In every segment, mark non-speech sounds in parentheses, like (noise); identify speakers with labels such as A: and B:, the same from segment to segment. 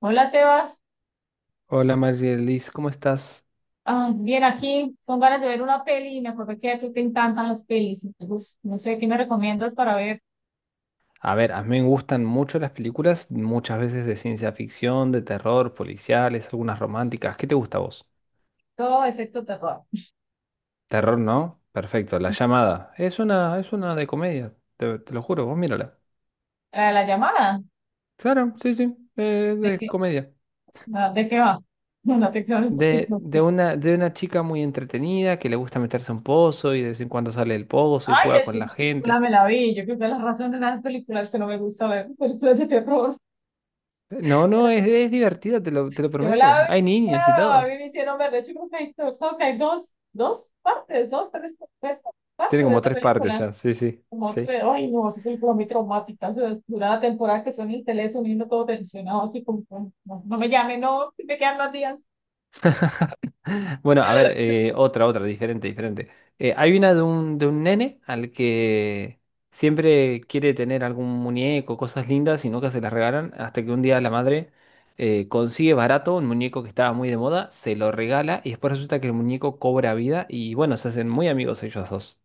A: Hola Sebas.
B: Hola Marielis, ¿cómo estás?
A: Bien aquí, son ganas de ver una peli y me acordé que a ti te encantan las pelis, entonces no sé qué me recomiendas para ver
B: A ver, a mí me gustan mucho las películas, muchas veces de ciencia ficción, de terror, policiales, algunas románticas. ¿Qué te gusta a vos?
A: todo excepto terror.
B: Terror, ¿no? Perfecto, La Llamada. Es una de comedia, te lo juro, vos mírala.
A: La llamada,
B: Claro, sí, sí,
A: ¿de qué,
B: de comedia.
A: de qué va? (laughs) No te quedas un
B: De,
A: poquito.
B: de una, de una chica muy entretenida que le gusta meterse a un pozo y de vez en cuando sale del pozo y
A: Ay,
B: juega
A: es que
B: con la
A: esa película
B: gente.
A: me la vi, yo creo que es la razón de las películas que no me gusta ver, (laughs) películas de terror.
B: No, no, es divertida, te lo
A: Yo la
B: prometo.
A: vi,
B: Hay niños y
A: claro, a
B: todo.
A: mí me hicieron ver, de hecho creo que hay 2, 2 partes, dos, tres, tres
B: Tiene
A: partes de
B: como
A: esa
B: tres partes
A: película.
B: ya, sí, sí.
A: Como
B: Sí.
A: tres, ay no, esa película muy traumática. O sea, dura la temporada que suena el teléfono y uno todo tensionado, así como, como, no, no me llame, no, que me quedan 2 días.
B: Bueno, a ver, otra, otra, diferente, diferente. Hay una de un nene al que siempre quiere tener algún muñeco, cosas lindas y nunca se las regalan, hasta que un día la madre consigue barato un muñeco que estaba muy de moda, se lo regala y después resulta que el muñeco cobra vida y bueno, se hacen muy amigos ellos dos.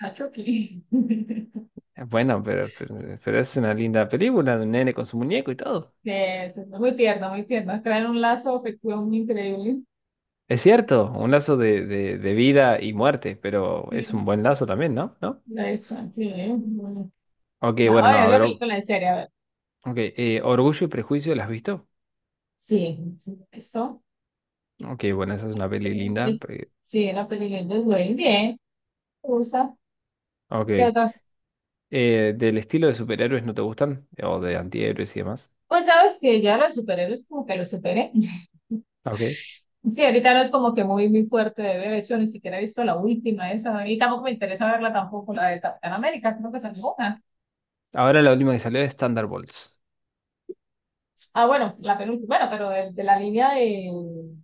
A: Ah, Chucky. (laughs)
B: Bueno, pero es una linda película de un nene con su muñeco y todo.
A: Sí, eso es muy tierno, muy tierno. Traen un lazo afectivo muy increíble.
B: Es cierto, un lazo de vida y muerte, pero es
A: Sí.
B: un buen lazo también, ¿no? ¿No?
A: Ahí está, sí. Bueno.
B: Ok,
A: No,
B: bueno, no,
A: es
B: a
A: una
B: ver.
A: película en serio, a ver.
B: Ok, Orgullo y Prejuicio, ¿la has visto?
A: Sí, sí, esto
B: Ok, bueno, esa es una peli linda.
A: es, sí, la película es Dwayne, bien, me
B: Ok,
A: ¿qué otra?
B: ¿del estilo de superhéroes no te gustan? O de antihéroes y demás.
A: Pues sabes que ya los superhéroes como que los superé.
B: Ok,
A: Sí, ahorita no es como que muy, muy fuerte de ver, de hecho, ni siquiera he visto la última, esa, y tampoco me interesa verla tampoco, la de Capitán América, creo que es una.
B: ahora la última que salió es Thunderbolts,
A: Ah, bueno, la penúltima, bueno, pero de la línea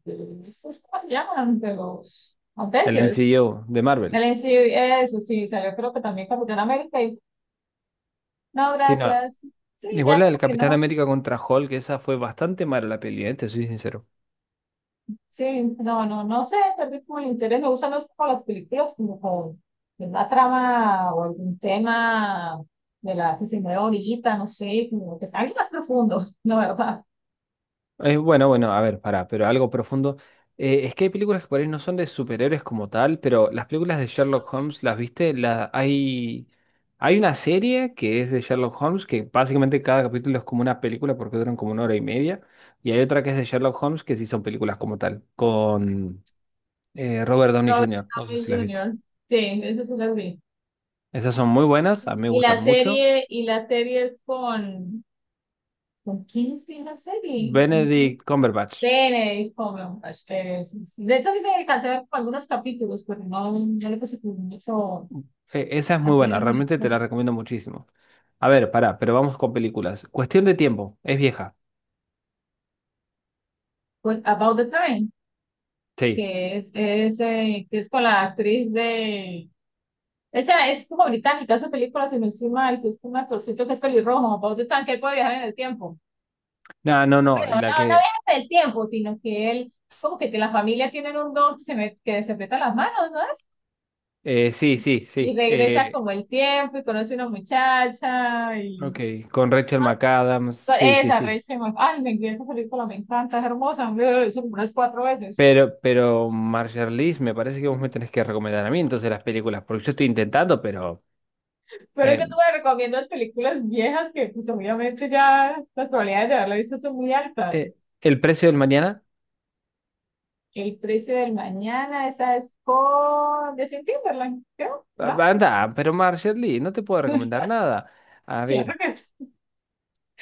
A: de estos, ¿cómo se llaman? De los
B: el
A: Avengers,
B: MCU de
A: el
B: Marvel.
A: MCU, eso sí, o sea, yo creo que también Capitán América, y no,
B: Sí, no,
A: gracias, sí,
B: igual
A: ya
B: la
A: como
B: del
A: que
B: Capitán
A: no.
B: América contra Hulk, esa fue bastante mala la peli, te soy sincero.
A: Sí, no, no, no sé, tal vez como el interés me gustan los, como las películas como con una trama o algún tema de la que se mueve ahorita, no sé, como que algo más profundo, (laughs) no, ¿verdad?
B: Bueno, bueno, a ver, pará, pero algo profundo. Es que hay películas que por ahí no son de superhéroes como tal, pero las películas de Sherlock Holmes, ¿las viste? Hay, hay una serie que es de Sherlock Holmes, que básicamente cada capítulo es como una película porque duran como una hora y media, y hay otra que es de Sherlock Holmes que sí son películas como tal, con Robert Downey
A: Robert
B: Jr., no sé
A: Downey
B: si las viste.
A: Jr. Sí, eso sí lo vi.
B: Esas son muy buenas, a mí me
A: Y
B: gustan
A: la
B: mucho.
A: serie, es ¿con quién es que es la serie? No sé.
B: Benedict Cumberbatch.
A: Benedict Cumberbatch, sí, sí. De eso sí me alcancé a ver como algunos capítulos, pero no, no le puse como mucho
B: Esa es
A: a
B: muy buena,
A: hacerme
B: realmente te la recomiendo muchísimo. A ver, pará, pero vamos con películas. Cuestión de tiempo, es vieja.
A: About the Time.
B: Sí.
A: Que es, que es con la actriz de... Ella es como británica, hace películas, si no estoy mal, que es como un actorcito que es pelirrojo, Paul de Tan, que él puede viajar en el tiempo.
B: No, no, no,
A: Bueno, no,
B: la
A: no
B: que...
A: viaja en el tiempo, sino que él, como que la familia tienen un don que se, me, que se peta las manos, ¿no es?
B: sí, sí,
A: Y
B: sí.
A: regresa como el tiempo y conoce una muchacha y...
B: Ok, con Rachel McAdams, sí, sí,
A: Esa,
B: sí.
A: Rachel, Mc- ay, me esa película, me encanta, es hermosa, me la he visto como unas 4 veces.
B: Pero Marjarlis, me parece que vos me tenés que recomendar a mí entonces las películas, porque yo estoy intentando, pero...
A: Pero es
B: eh,
A: que tú me recomiendas películas viejas que pues obviamente ya las probabilidades de haberla visto son muy altas.
B: eh, El precio del mañana,
A: El precio del mañana, esa es con Justin Timberlake, creo,
B: a-
A: ¿no?
B: anda, pero Marjarlis, no te puedo recomendar
A: (laughs)
B: nada. A
A: Claro
B: ver,
A: que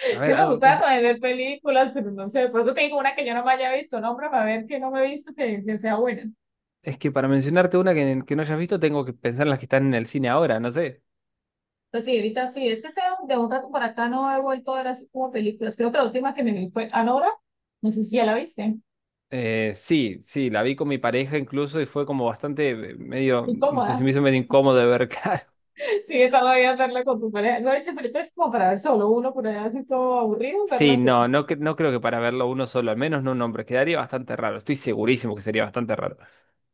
B: a
A: sí
B: ver,
A: me
B: algo,
A: gusta también ver películas, pero no sé, por eso te digo una que yo no me haya visto, nombre para ver que no me he visto que sea buena.
B: es que para mencionarte una que no hayas visto, tengo que pensar en las que están en el cine ahora, no sé.
A: Entonces sí, ahorita sí, es que sea de un rato para acá no he vuelto a ver así como películas. Creo que la última que me vi fue Anora, no sé si ya la viste,
B: Sí, sí, la vi con mi pareja incluso y fue como bastante medio, no sé, se
A: incómoda.
B: me hizo medio incómodo de ver, (laughs) claro.
A: Sí, esa la voy a verla con tu pareja. No, esa película es como para ver solo uno, por allá así todo aburrido, verla
B: Sí,
A: sola.
B: no, no, no creo que para verlo uno solo, al menos no un hombre, quedaría bastante raro, estoy segurísimo que sería bastante raro.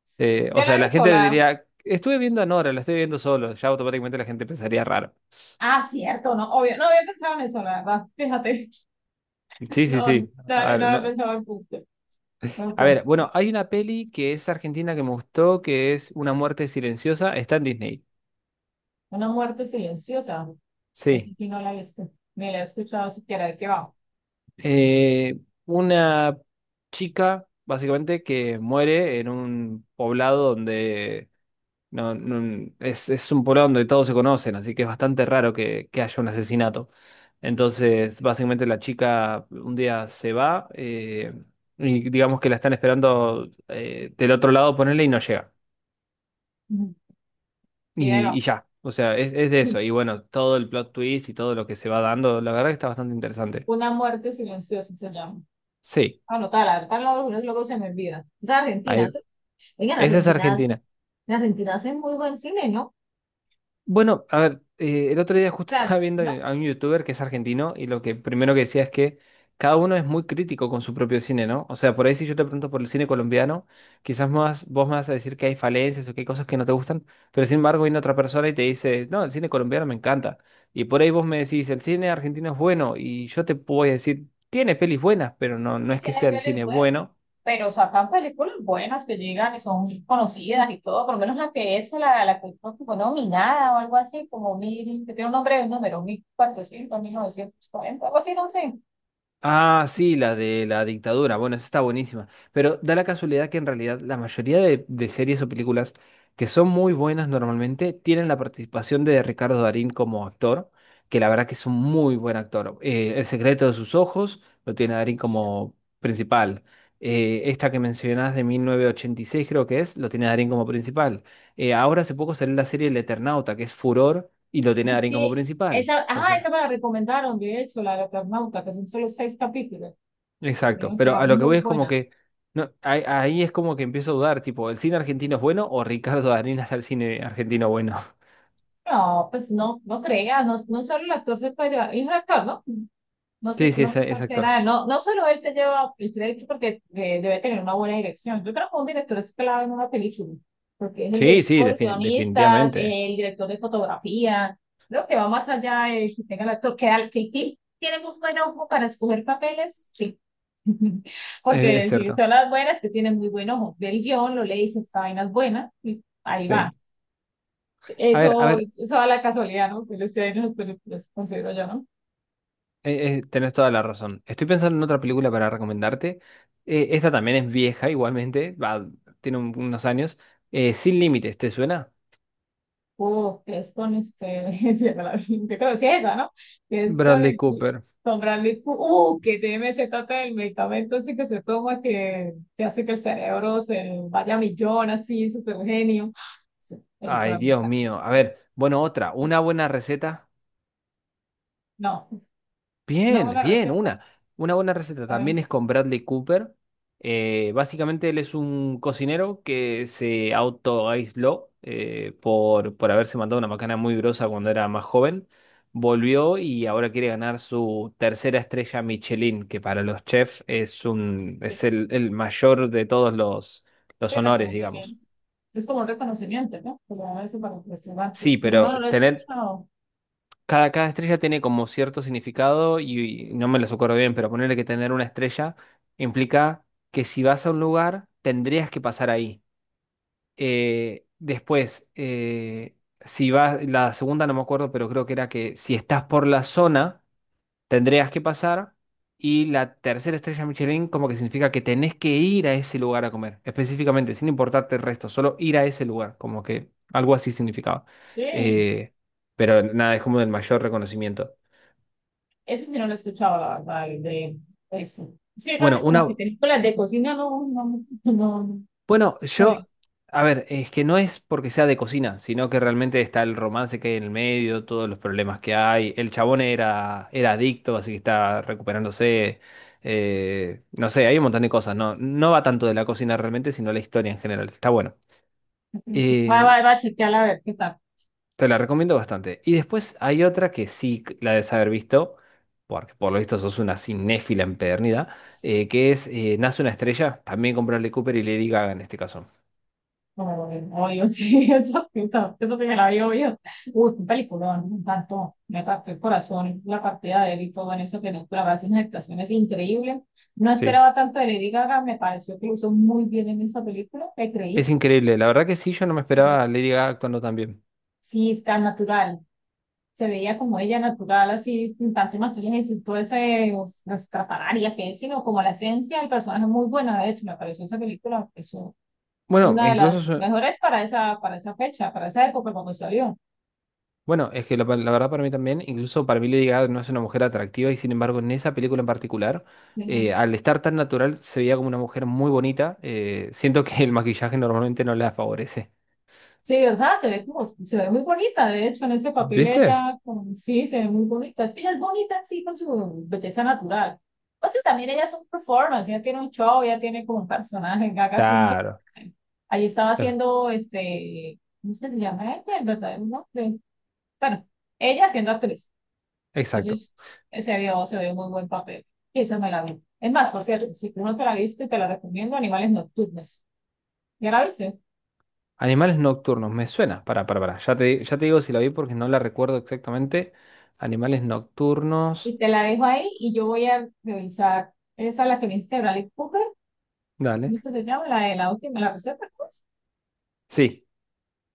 A: Sí.
B: O
A: Ya la
B: sea, la
A: vi
B: gente le
A: sola.
B: diría, estuve viendo a Nora, la estoy viendo solo, ya automáticamente la gente pensaría raro.
A: Ah, cierto, no, obvio. No había pensado en eso, la verdad. Fíjate. (laughs)
B: Sí, sí,
A: No, no,
B: sí.
A: no
B: A ver,
A: había pensado en punto. Buen
B: a ver,
A: punto,
B: bueno,
A: sí.
B: hay una peli que es argentina que me gustó, que es Una muerte silenciosa, está en Disney.
A: Una muerte silenciosa. Esa
B: Sí.
A: sí no la he visto. Ni la he escuchado siquiera de qué va.
B: Eh, una chica, básicamente, que muere en un poblado donde es un poblado donde todos se conocen, así que es bastante raro que haya un asesinato. Entonces, básicamente, la chica un día se va y digamos que la están esperando del otro lado, ponerle y no llega.
A: Ujú. Y de ahí va.
B: Y ya, o sea, es de eso.
A: (laughs)
B: Y bueno, todo el plot twist y todo lo que se va dando, la verdad que está bastante interesante.
A: Una muerte silenciosa se llama.
B: Sí,
A: Anotar, ahorita luego luego se me olvida. Es Argentina.
B: ahí,
A: ¿Sí? Oigan,
B: esa es
A: Argentina,
B: Argentina.
A: en Argentina hacen muy buen cine, ¿no? O
B: Bueno, a ver, el otro día justo (laughs)
A: sea,
B: estaba viendo a un youtuber que es argentino y lo que primero que decía es que cada uno es muy crítico con su propio cine, ¿no? O sea, por ahí si yo te pregunto por el cine colombiano, quizás más, vos me vas a decir que hay falencias o que hay cosas que no te gustan, pero sin embargo viene otra persona y te dice, no, el cine colombiano me encanta. Y por ahí vos me decís, el cine argentino es bueno y yo te puedo decir, tiene pelis buenas, pero no,
A: sí,
B: no es que
A: tiene
B: sea el
A: pelis
B: cine
A: buenas,
B: bueno.
A: pero sacan películas buenas que llegan y son conocidas y todo, por lo menos la que es la que creo que fue como nominada o algo así, como mil, que tiene un nombre de un número, 1400, 1940 algo así, no sé.
B: Ah, sí, la de la dictadura. Bueno, esa está buenísima. Pero da la casualidad que en realidad la mayoría de series o películas que son muy buenas normalmente tienen la participación de Ricardo Darín como actor, que la verdad que es un muy buen actor. El secreto de sus ojos lo tiene a Darín como principal. Esta que mencionás de 1986 creo que es, lo tiene a Darín como principal. Ahora hace poco salió la serie El Eternauta, que es furor, y lo tiene a
A: Ay,
B: Darín
A: sí,
B: como principal.
A: esa,
B: O
A: ajá, esa
B: sea.
A: me la recomendaron, de hecho, la de Eternauta, que son solo 6 capítulos, me
B: Exacto,
A: dijeron que
B: pero
A: era
B: a lo que
A: muy
B: voy es como
A: buena.
B: que no, ahí es como que empiezo a dudar, tipo, ¿el cine argentino es bueno o Ricardo Darín es el cine argentino bueno? (laughs)
A: No, pues no, no creas, no, no solo el actor se puede, es un actor, ¿no? No
B: Sí,
A: sé,
B: sí,
A: no sé
B: es
A: cuál
B: actor.
A: será. No, no solo él se lleva el crédito porque debe tener una buena dirección. Yo creo que un director es clave en una película, porque es el
B: Sí, sí,
A: director, guionistas,
B: definitivamente.
A: el director de fotografía. Creo que va más allá de que tenga el actor, que, al- que ti- tiene muy buen ojo para escoger papeles, sí. (laughs)
B: Es
A: Porque si
B: cierto,
A: son las buenas, que tienen muy buen ojo. Ve el guión, lo lees, esta vaina es buena, y ahí va.
B: sí. A
A: Eso,
B: ver,
A: eso da la casualidad, ¿no? Que lo esté en las películas, considero yo, ¿no?
B: tenés toda la razón. Estoy pensando en otra película para recomendarte. Esta también es vieja, igualmente, va, tiene unos años. Sin Límites, ¿te suena?
A: Que es con este, (laughs) se me la- yo creo que sí es esa, ¿no? Que es con
B: Bradley
A: el,
B: Cooper.
A: con Bradley Coo- que tiene se trata del medicamento ese que se toma que hace que el cerebro se vaya a millón, así, súper genio. Sí,
B: Ay,
A: película me
B: Dios
A: encanta.
B: mío. A ver, bueno, otra, una buena receta.
A: No, una
B: Bien,
A: buena
B: bien,
A: receta,
B: una buena receta.
A: ¿saben?
B: También es con Bradley Cooper. Básicamente él es un cocinero que se autoaisló por haberse mandado una macana muy grosa cuando era más joven. Volvió y ahora quiere ganar su tercera estrella Michelin, que para los chefs es un,
A: Sí,
B: es el mayor de todos los
A: sí,
B: honores, digamos.
A: reconocimiento. Es como un reconocimiento, ¿no? Como eso para el restaurante.
B: Sí,
A: Pero no, no
B: pero
A: lo he
B: tener
A: escuchado.
B: cada, cada estrella tiene como cierto significado y no me las acuerdo bien, pero ponerle que tener una estrella implica que si vas a un lugar tendrías que pasar ahí. Después, si vas, la segunda no me acuerdo, pero creo que era que si estás por la zona tendrías que pasar. Y la tercera estrella Michelin como que significa que tenés que ir a ese lugar a comer, específicamente, sin importarte el resto, solo ir a ese lugar, como que algo así significaba.
A: Sí,
B: Eh, pero nada, es como el mayor reconocimiento.
A: ese sí no lo he escuchado, la verdad, el de eso. Es que casi
B: Bueno,
A: como
B: una,
A: que películas de cocina no, no, no, no,
B: bueno,
A: no he
B: yo,
A: visto.
B: a ver, es que no es porque sea de cocina, sino que realmente está el romance que hay en el medio, todos los problemas que hay. El chabón era, era adicto, así que está recuperándose. No sé, hay un montón de cosas. No, no va tanto de la cocina realmente, sino la historia en general. Está bueno.
A: Va, va,
B: Eh,
A: va a chequearla a ver qué tal.
B: Te la recomiendo bastante. Y después hay otra que sí la debes haber visto, porque por lo visto sos una cinéfila empedernida, que es Nace una estrella, también con Bradley Cooper y Lady Gaga en este caso.
A: No, obvio, sí, (laughs) esas sí, eso sí me la vi, obvio. Uy, un peliculón, me encantó. Me partió el corazón, la partida de él y todo en esa película, va a ser unas actuaciones increíbles. No
B: Sí,
A: esperaba tanto de Lady Gaga, me pareció que lo hizo muy bien en esa película, me
B: es
A: creí.
B: increíble, la verdad que sí, yo no me esperaba a Lady Gaga actuando tan bien.
A: Sí, está natural. Se veía como ella natural, así, sin tanto maquillaje, y sin todo ese, os- las estrafalarias que es, sino como la esencia del personaje muy buena, de hecho, me pareció esa película, es
B: Bueno,
A: una
B: e
A: de
B: incluso,
A: las mejores para esa fecha, para esa época cuando salió.
B: bueno, es que la verdad para mí también, incluso para mí Lady Gaga no es una mujer atractiva y sin embargo en esa película en particular, al estar tan natural se veía como una mujer muy bonita, siento que el maquillaje normalmente no la favorece.
A: Sí, ¿verdad? Se ve como, se ve muy bonita, de hecho, en ese papel
B: ¿Viste?
A: ella, como, sí, se ve muy bonita. Es que ella es bonita sí con su belleza natural. Entonces también ella es un performance, ella tiene un show, ella tiene como un personaje, Gaga es un
B: Claro,
A: personaje. Ahí estaba
B: eh,
A: haciendo, este, ¿cómo se le llama ella? El verdadero nombre. Bueno, ella siendo actriz.
B: exacto.
A: Entonces, se vio muy buen papel. Y esa me la vi. Es más, por cierto, si tú no te la viste, te la recomiendo, Animales Nocturnos. ¿Ya la viste?
B: Animales nocturnos, me suena, para, ya te digo si la vi porque no la recuerdo exactamente. Animales
A: Y
B: nocturnos,
A: te la dejo ahí y yo voy a revisar esa la que me hiciste Bradley Cooper,
B: dale.
A: ¿viste que se llama? La de la última, la receta, pues.
B: Sí,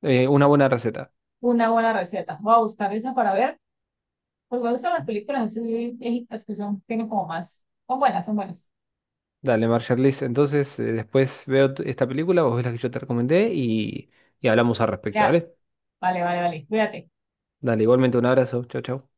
B: una buena receta.
A: Una buena receta. Voy a buscar esa para ver, porque me gustan las películas así viejitas que son, tienen como más, son buenas, son buenas.
B: Dale, Marshall entonces, después veo esta película, vos ves la que yo te recomendé y hablamos al respecto,
A: Ya,
B: ¿dale?
A: vale, vale, vale, cuídate.
B: Dale, igualmente un abrazo. Chau, chau.